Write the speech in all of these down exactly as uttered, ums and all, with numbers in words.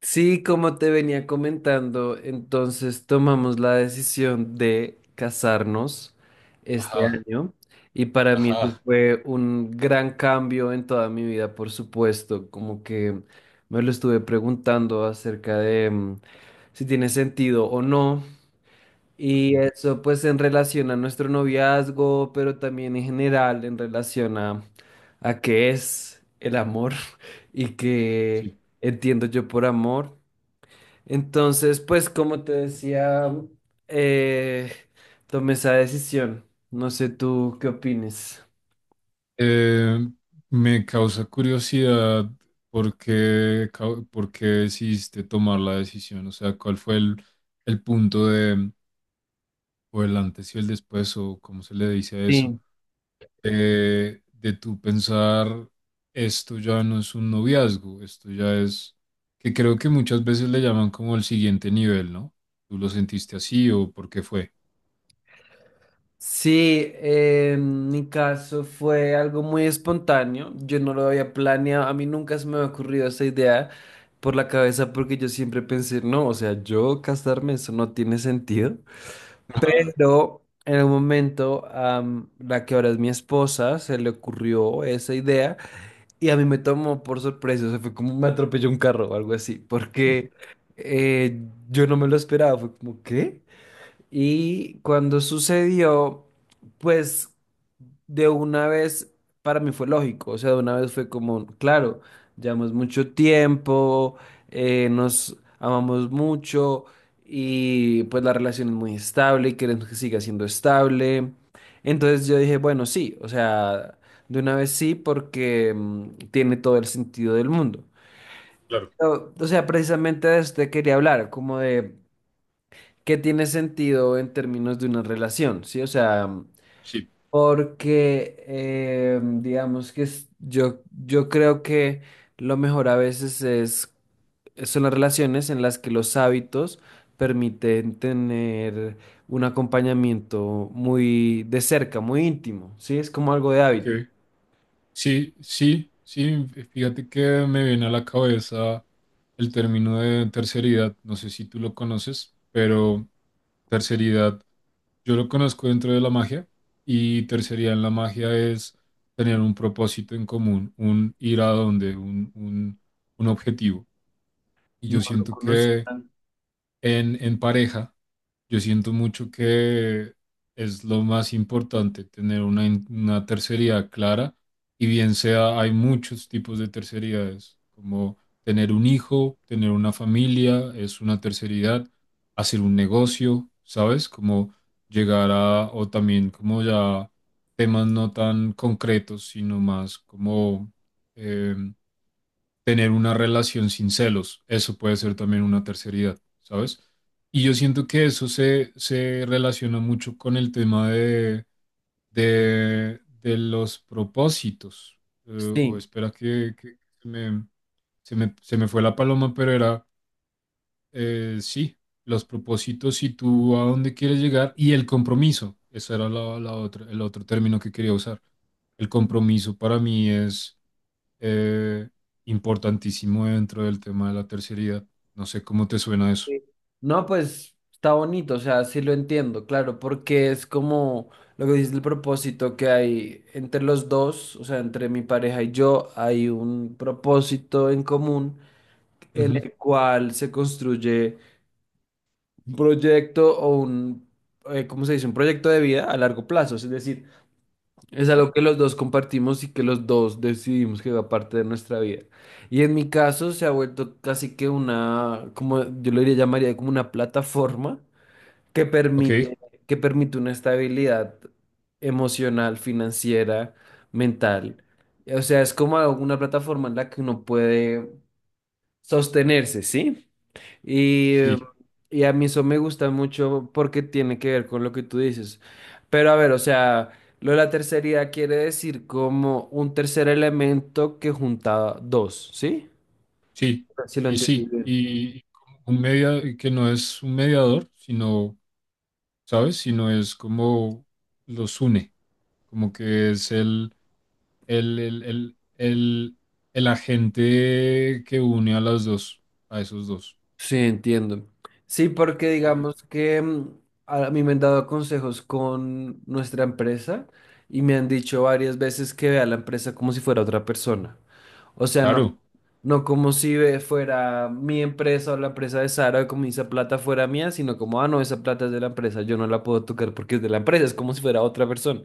Sí, como te venía comentando, entonces tomamos la decisión de casarnos este Ajá, año y para mí eso ajá, fue un gran cambio en toda mi vida, por supuesto, como que me lo estuve preguntando acerca de mm, si tiene sentido o no ajá, y eso pues en relación a nuestro noviazgo, pero también en general en relación a, a qué es el amor y qué sí. entiendo yo por amor. Entonces, pues como te decía, eh, tomé esa decisión. No sé tú qué opines. Eh, Me causa curiosidad por qué, cau- por qué decidiste tomar la decisión, o sea, cuál fue el, el punto de, o el antes y el después, o cómo se le dice a eso, Sí, de, de tú pensar, esto ya no es un noviazgo, esto ya es, que creo que muchas veces le llaman como el siguiente nivel, ¿no? ¿Tú lo sentiste así o por qué fue? Sí, eh, En mi caso fue algo muy espontáneo. Yo no lo había planeado. A mí nunca se me había ocurrido esa idea por la cabeza porque yo siempre pensé, no, o sea, yo casarme, eso no tiene sentido. Ajá, Pero en un momento, a la que ahora es mi esposa, se le ocurrió esa idea. Y a mí me tomó por sorpresa, o sea, fue como me atropelló un carro o algo así, porque eh, yo no me lo esperaba, fue como, ¿qué? Y cuando sucedió, pues de una vez para mí fue lógico, o sea, de una vez fue como, claro, llevamos mucho tiempo, eh, nos amamos mucho y pues la relación es muy estable y queremos que siga siendo estable. Entonces yo dije, bueno, sí, o sea, de una vez sí porque mm, tiene todo el sentido del mundo. claro, O o sea, precisamente de esto te quería hablar, como de que tiene sentido en términos de una relación, ¿sí? O sea, sí, porque eh, digamos que es- yo, yo creo que lo mejor a veces es, son las relaciones en las que los hábitos permiten tener un acompañamiento muy de cerca, muy íntimo, ¿sí? Es como algo de ok. hábito. Sí, sí, sí, fíjate que me viene a la cabeza el término de terceridad, no sé si tú lo conoces, pero terceridad, yo lo conozco dentro de la magia y terceridad en la magia es tener un propósito en común, un ir a donde, un, un, un objetivo. Y No yo lo siento que conocían. en, en pareja yo siento mucho que es lo más importante tener una, in- una tercería clara y bien sea, hay muchos tipos de tercerías, como tener un hijo, tener una familia, es una terceridad, hacer un negocio, ¿sabes? Como llegar a, o también como ya temas no tan concretos, sino más como em, tener una relación sin celos. Eso puede ser también una terceridad, ¿sabes? Y yo siento que eso se, se relaciona mucho con el tema de, de, de los propósitos. Eh, o Sí, espera que, que se me, se me, se me fue la paloma, pero era, eh, sí, los propósitos y tú a dónde quieres llegar y el compromiso. Ese era la, la otra, el otro término que quería usar. El compromiso para mí es eh, importantísimo dentro del tema de la terceridad. No sé cómo te suena eso. sí. No, pues está bonito, o sea, sí lo entiendo, claro, porque es como lo que dice el propósito que hay entre los dos, o sea, entre mi pareja y yo, hay un propósito en común en Ujú, el cual se construye un proyecto o un, eh, ¿cómo se dice? Un proyecto de vida a largo plazo, es decir, es sí. algo que los dos compartimos y que los dos decidimos que va parte de nuestra vida. Y en mi caso se ha vuelto casi que una, como yo lo diría, llamaría como una plataforma que Ok. permite, que permite una estabilidad emocional, financiera, mental. O sea, es como una plataforma en la que uno puede sostenerse, ¿sí? Y, eh, Sí. y a mí eso me gusta mucho porque tiene que ver con lo que tú dices. Pero a ver, o sea, lo de la tercería quiere decir como un tercer elemento que junta dos, ¿sí? Sí. Si lo Y entendí sí. bien. Y como un media que no es un mediador, sino, ¿sabes? Sino es como los une. Como que es el, el, el, el, el, el agente que une a las dos, a esos dos. Sí, entiendo. Sí, porque Y digamos que mm, a mí me han dado consejos con nuestra empresa y me han dicho varias veces que vea la empresa como si fuera otra persona. O sea, no claro. No como si ve- fuera mi empresa o la empresa de Sara, como esa plata fuera mía, sino como, ah, no, esa plata es de la empresa, yo no la puedo tocar porque es de la empresa, es como si fuera otra persona.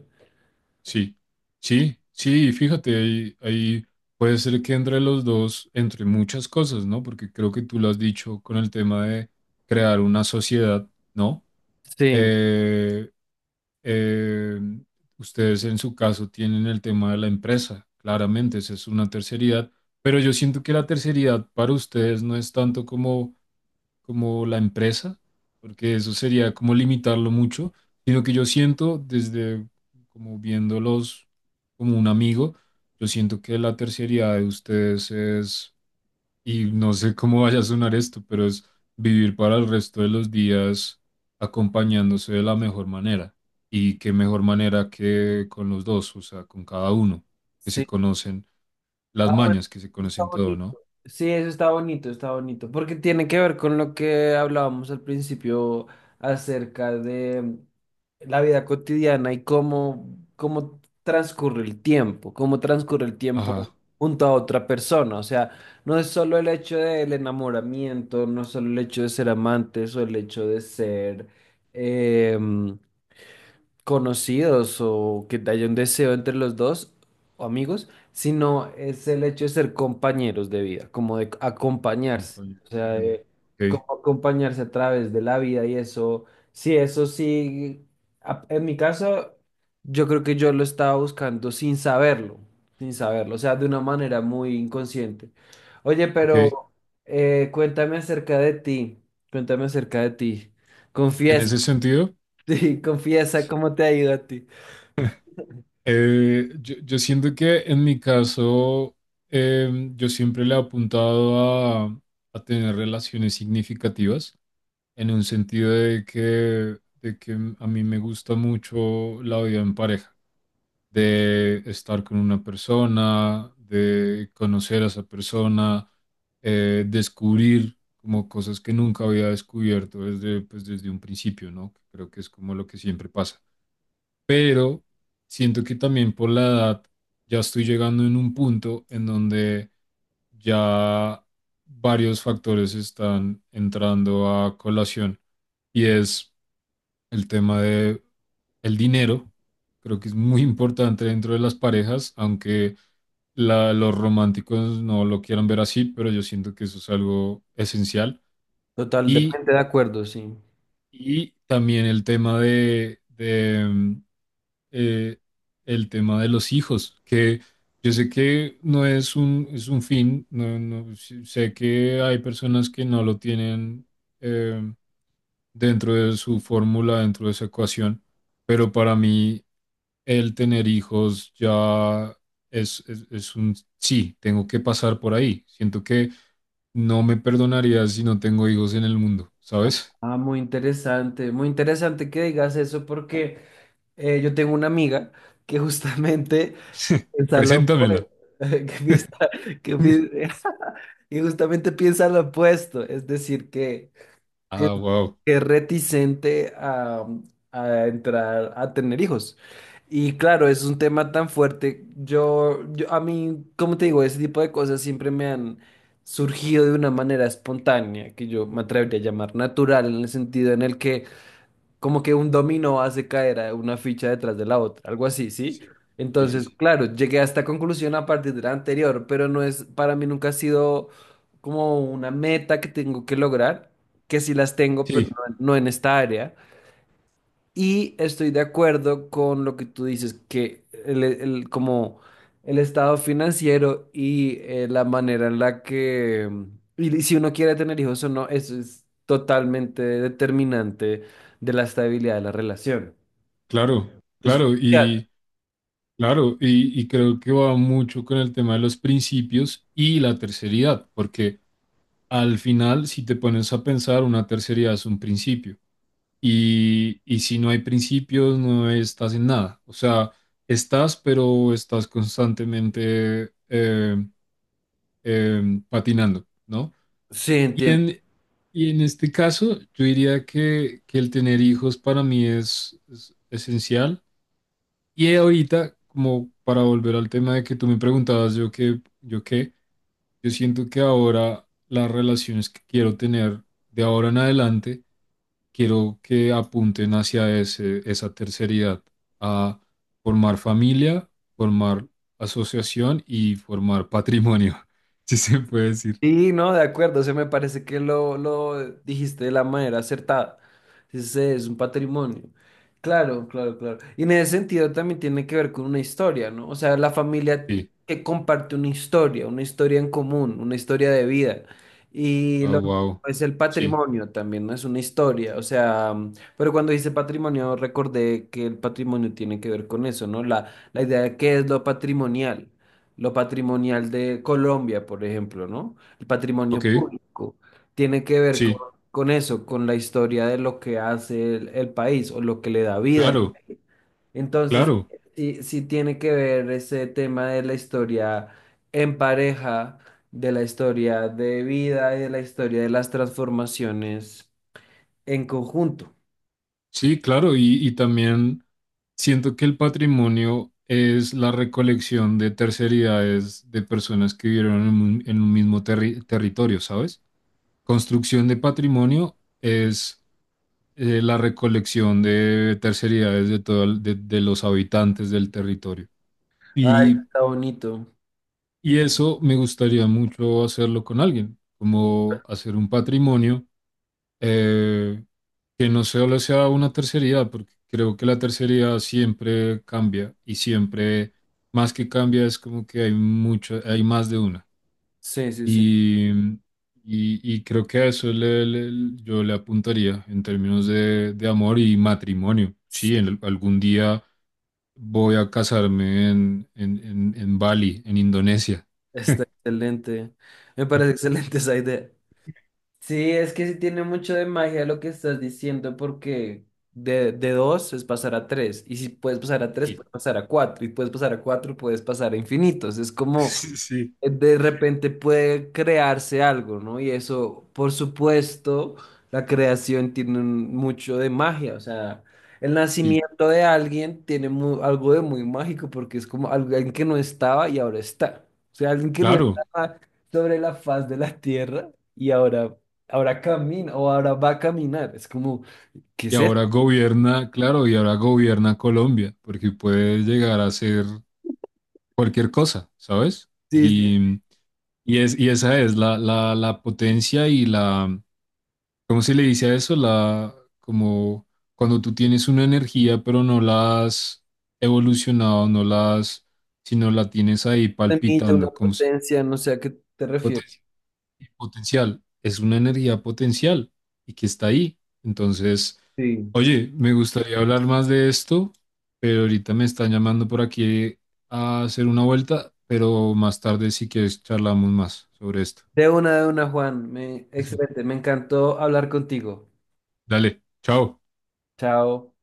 Sí, sí, sí, fíjate, ahí, ahí puede ser que entre los dos, entre muchas cosas, ¿no? Porque creo que tú lo has dicho con el tema de crear una sociedad, ¿no? Sí, Eh, eh, ustedes en su caso tienen el tema de la empresa, claramente, esa es una terceridad, pero yo siento que la terceridad para ustedes no es tanto como como la empresa, porque eso sería como limitarlo mucho, sino que yo siento desde como viéndolos como un amigo, yo siento que la terciaridad de ustedes es, y no sé cómo vaya a sonar esto, pero es vivir para el resto de los días acompañándose de la mejor manera. Y qué mejor manera que con los dos, o sea, con cada uno, que se sí, conocen las ah, bueno, mañas, que se está conocen todo, bonito. ¿no? Sí, eso está bonito, está bonito, porque tiene que ver con lo que hablábamos al principio acerca de mm, la vida cotidiana y cómo, cómo transcurre el tiempo, cómo transcurre el tiempo Ajá, junto a otra persona. O sea, no es solo el hecho del enamoramiento, no es solo el hecho de ser amantes o el hecho de ser, em, conocidos o que haya un deseo entre los dos o amigos, sino es el hecho de ser compañeros de vida, como de acompañarse, compañero o de sea, vida. de como acompañarse a través de la vida y eso, sí, eso sí, a- en mi caso, yo creo que yo lo estaba buscando sin saberlo, sin saberlo, o sea, de una manera muy inconsciente. Oye, Ok, ok. pero eh, cuéntame acerca de ti, cuéntame acerca de ti, En confiesa. ese sentido, Sí, confiesa cómo te ha ido a ti. eh, yo, yo siento que en mi caso, em, yo siempre le he apuntado a, a tener relaciones significativas, en un sentido de que, de que a mí me gusta mucho la vida en pareja, de estar con una persona, de conocer a esa persona, eh, descubrir como cosas que nunca había descubierto desde, pues, desde un principio, ¿no? Creo que es como lo que siempre pasa, pero siento que también por la edad ya estoy llegando en un punto en donde ya varios factores están entrando a colación y es el tema de el dinero. Creo que es muy importante dentro de las parejas, aunque la- los románticos no lo quieran ver así, pero yo siento que eso es algo esencial. Y Totalmente de acuerdo, sí. y también el tema de, de, mm, eh, el tema de los hijos, que yo sé que no es un, es un fin, no, no, sí- sé que hay personas que no lo tienen, eh, dentro de su fórmula, dentro de esa ecuación, pero para mí el tener hijos ya es, es, es un sí, tengo que pasar por ahí. Siento que no me perdonaría si no tengo hijos en el mundo, ¿sabes? Ah, muy interesante, muy interesante que digas eso porque eh, yo tengo una amiga que justamente piensa lo Preséntamela. opuesto, que piensa- que pi- que justamente piensa lo opuesto, es decir, que, que Ah, wow. que es reticente a, a entrar a tener hijos. Y claro, es un tema tan fuerte. Yo, yo, a mí, como te digo, ese tipo de cosas siempre me han surgido de una manera espontánea, que yo me atrevería a llamar natural, en el sentido en el que como que un dominó hace caer a una ficha detrás de la otra, algo así, ¿sí? Sí, sí, sí, Entonces, sí. claro, llegué a esta conclusión a partir de la anterior, pero no es, para mí nunca ha sido como una meta que tengo que lograr, que sí las tengo, pero Sí, no, no en esta área. Y estoy de acuerdo con lo que tú dices, que el, el- como el estado financiero y eh, la manera en la que, y si uno quiere tener hijos o no, eso es totalmente determinante de la estabilidad de la relación. claro, Es claro, crucial. y claro, y, y creo que va mucho con el tema de los principios y la terceridad, porque al final, si te pones a pensar, una terceridad es un principio, y, y si no hay principios, no estás en nada, o sea, estás, pero estás constantemente eh, eh, patinando, ¿no? Sí, Y en, y en este caso, yo diría que, que el tener hijos para mí es, es esencial. Y ahorita, como para volver al tema de que tú me preguntabas, yo qué, yo qué, yo siento que ahora las relaciones que quiero tener de ahora en adelante, quiero que apunten hacia ese, esa terceridad, a formar familia, formar asociación y formar patrimonio, si se puede decir. sí, no, de acuerdo, se me parece que lo, lo dijiste de la manera acertada. Ese es un patrimonio. Claro, claro, claro. Y en ese sentido también tiene que ver con una historia, ¿no? O sea, la familia Sí. que comparte una historia, una historia en común, una historia de vida. Y Ah, lo mismo wow. es el Sí. patrimonio también, ¿no? Es una historia, o sea, mm, pero cuando dice patrimonio recordé que el patrimonio tiene que ver con eso, ¿no? La, la idea de qué es lo patrimonial, lo patrimonial de Colombia, por ejemplo, ¿no? El patrimonio Ok. público tiene que ver con, Sí, con eso, con la historia de lo que hace el, el país o lo que le da vida. claro, Entonces, claro, sí, sí tiene que ver ese tema de la historia en pareja, de la historia de vida y de la historia de las transformaciones en conjunto. sí, claro. Y, y también siento que el patrimonio es la recolección de terceridades de personas que vivieron en un, en un mismo terri- territorio, ¿sabes? Construcción de patrimonio es eh, la recolección de terceridades de, todo el- de, de los habitantes del territorio. Ay, Y, está bonito. y eso me gustaría mucho hacerlo con alguien, como hacer un patrimonio. Eh, que no solo sea una tercería, porque creo que la tercería siempre cambia y siempre, más que cambia, es como que hay mucho, hay más de una. Sí, sí, sí. Y, y, y creo que a eso le- le- yo le apuntaría en términos de, de amor y matrimonio. Sí, Sí, en, algún día voy a casarme en, en, en, en Bali, en Indonesia. está excelente. Me parece excelente esa idea. Sí, es que sí tiene mucho de magia lo que estás diciendo, porque de, de dos es pasar a tres, y si puedes pasar a tres, Sí. puedes pasar a cuatro, y puedes pasar a cuatro, puedes pasar a infinitos. Es como Sí, sí. eh, de repente puede crearse algo, ¿no? Y eso, por supuesto, la creación tiene un- mucho de magia, o sea, el Sí, nacimiento de alguien tiene mu- algo de muy mágico, porque es como algo- alguien que no estaba y ahora está. O sea, alguien que no claro. estaba sobre la faz de la tierra y ahora ahora camina o ahora va a caminar. Es como, ¿qué Y es eso? ahora gobierna, claro, y ahora gobierna Colombia, porque puede llegar a ser cualquier cosa, ¿sabes? Sí, sí, Y, y, es, y esa es la, la, la potencia y la, ¿cómo se le dice a eso? La, como cuando tú tienes una energía, pero no la has evolucionado, no la has, sino la tienes ahí una milla, una palpitando, como se... potencia, no sé a qué te refieres. Potencial, es una energía potencial y que está ahí. Entonces, Sí. oye, me gustaría hablar más de esto, pero ahorita me están llamando por aquí a hacer una vuelta, pero más tarde si quieres charlamos más sobre esto. De una, de una, Juan. Me, Eso. excelente, me encantó hablar contigo. Dale, chao. Chao.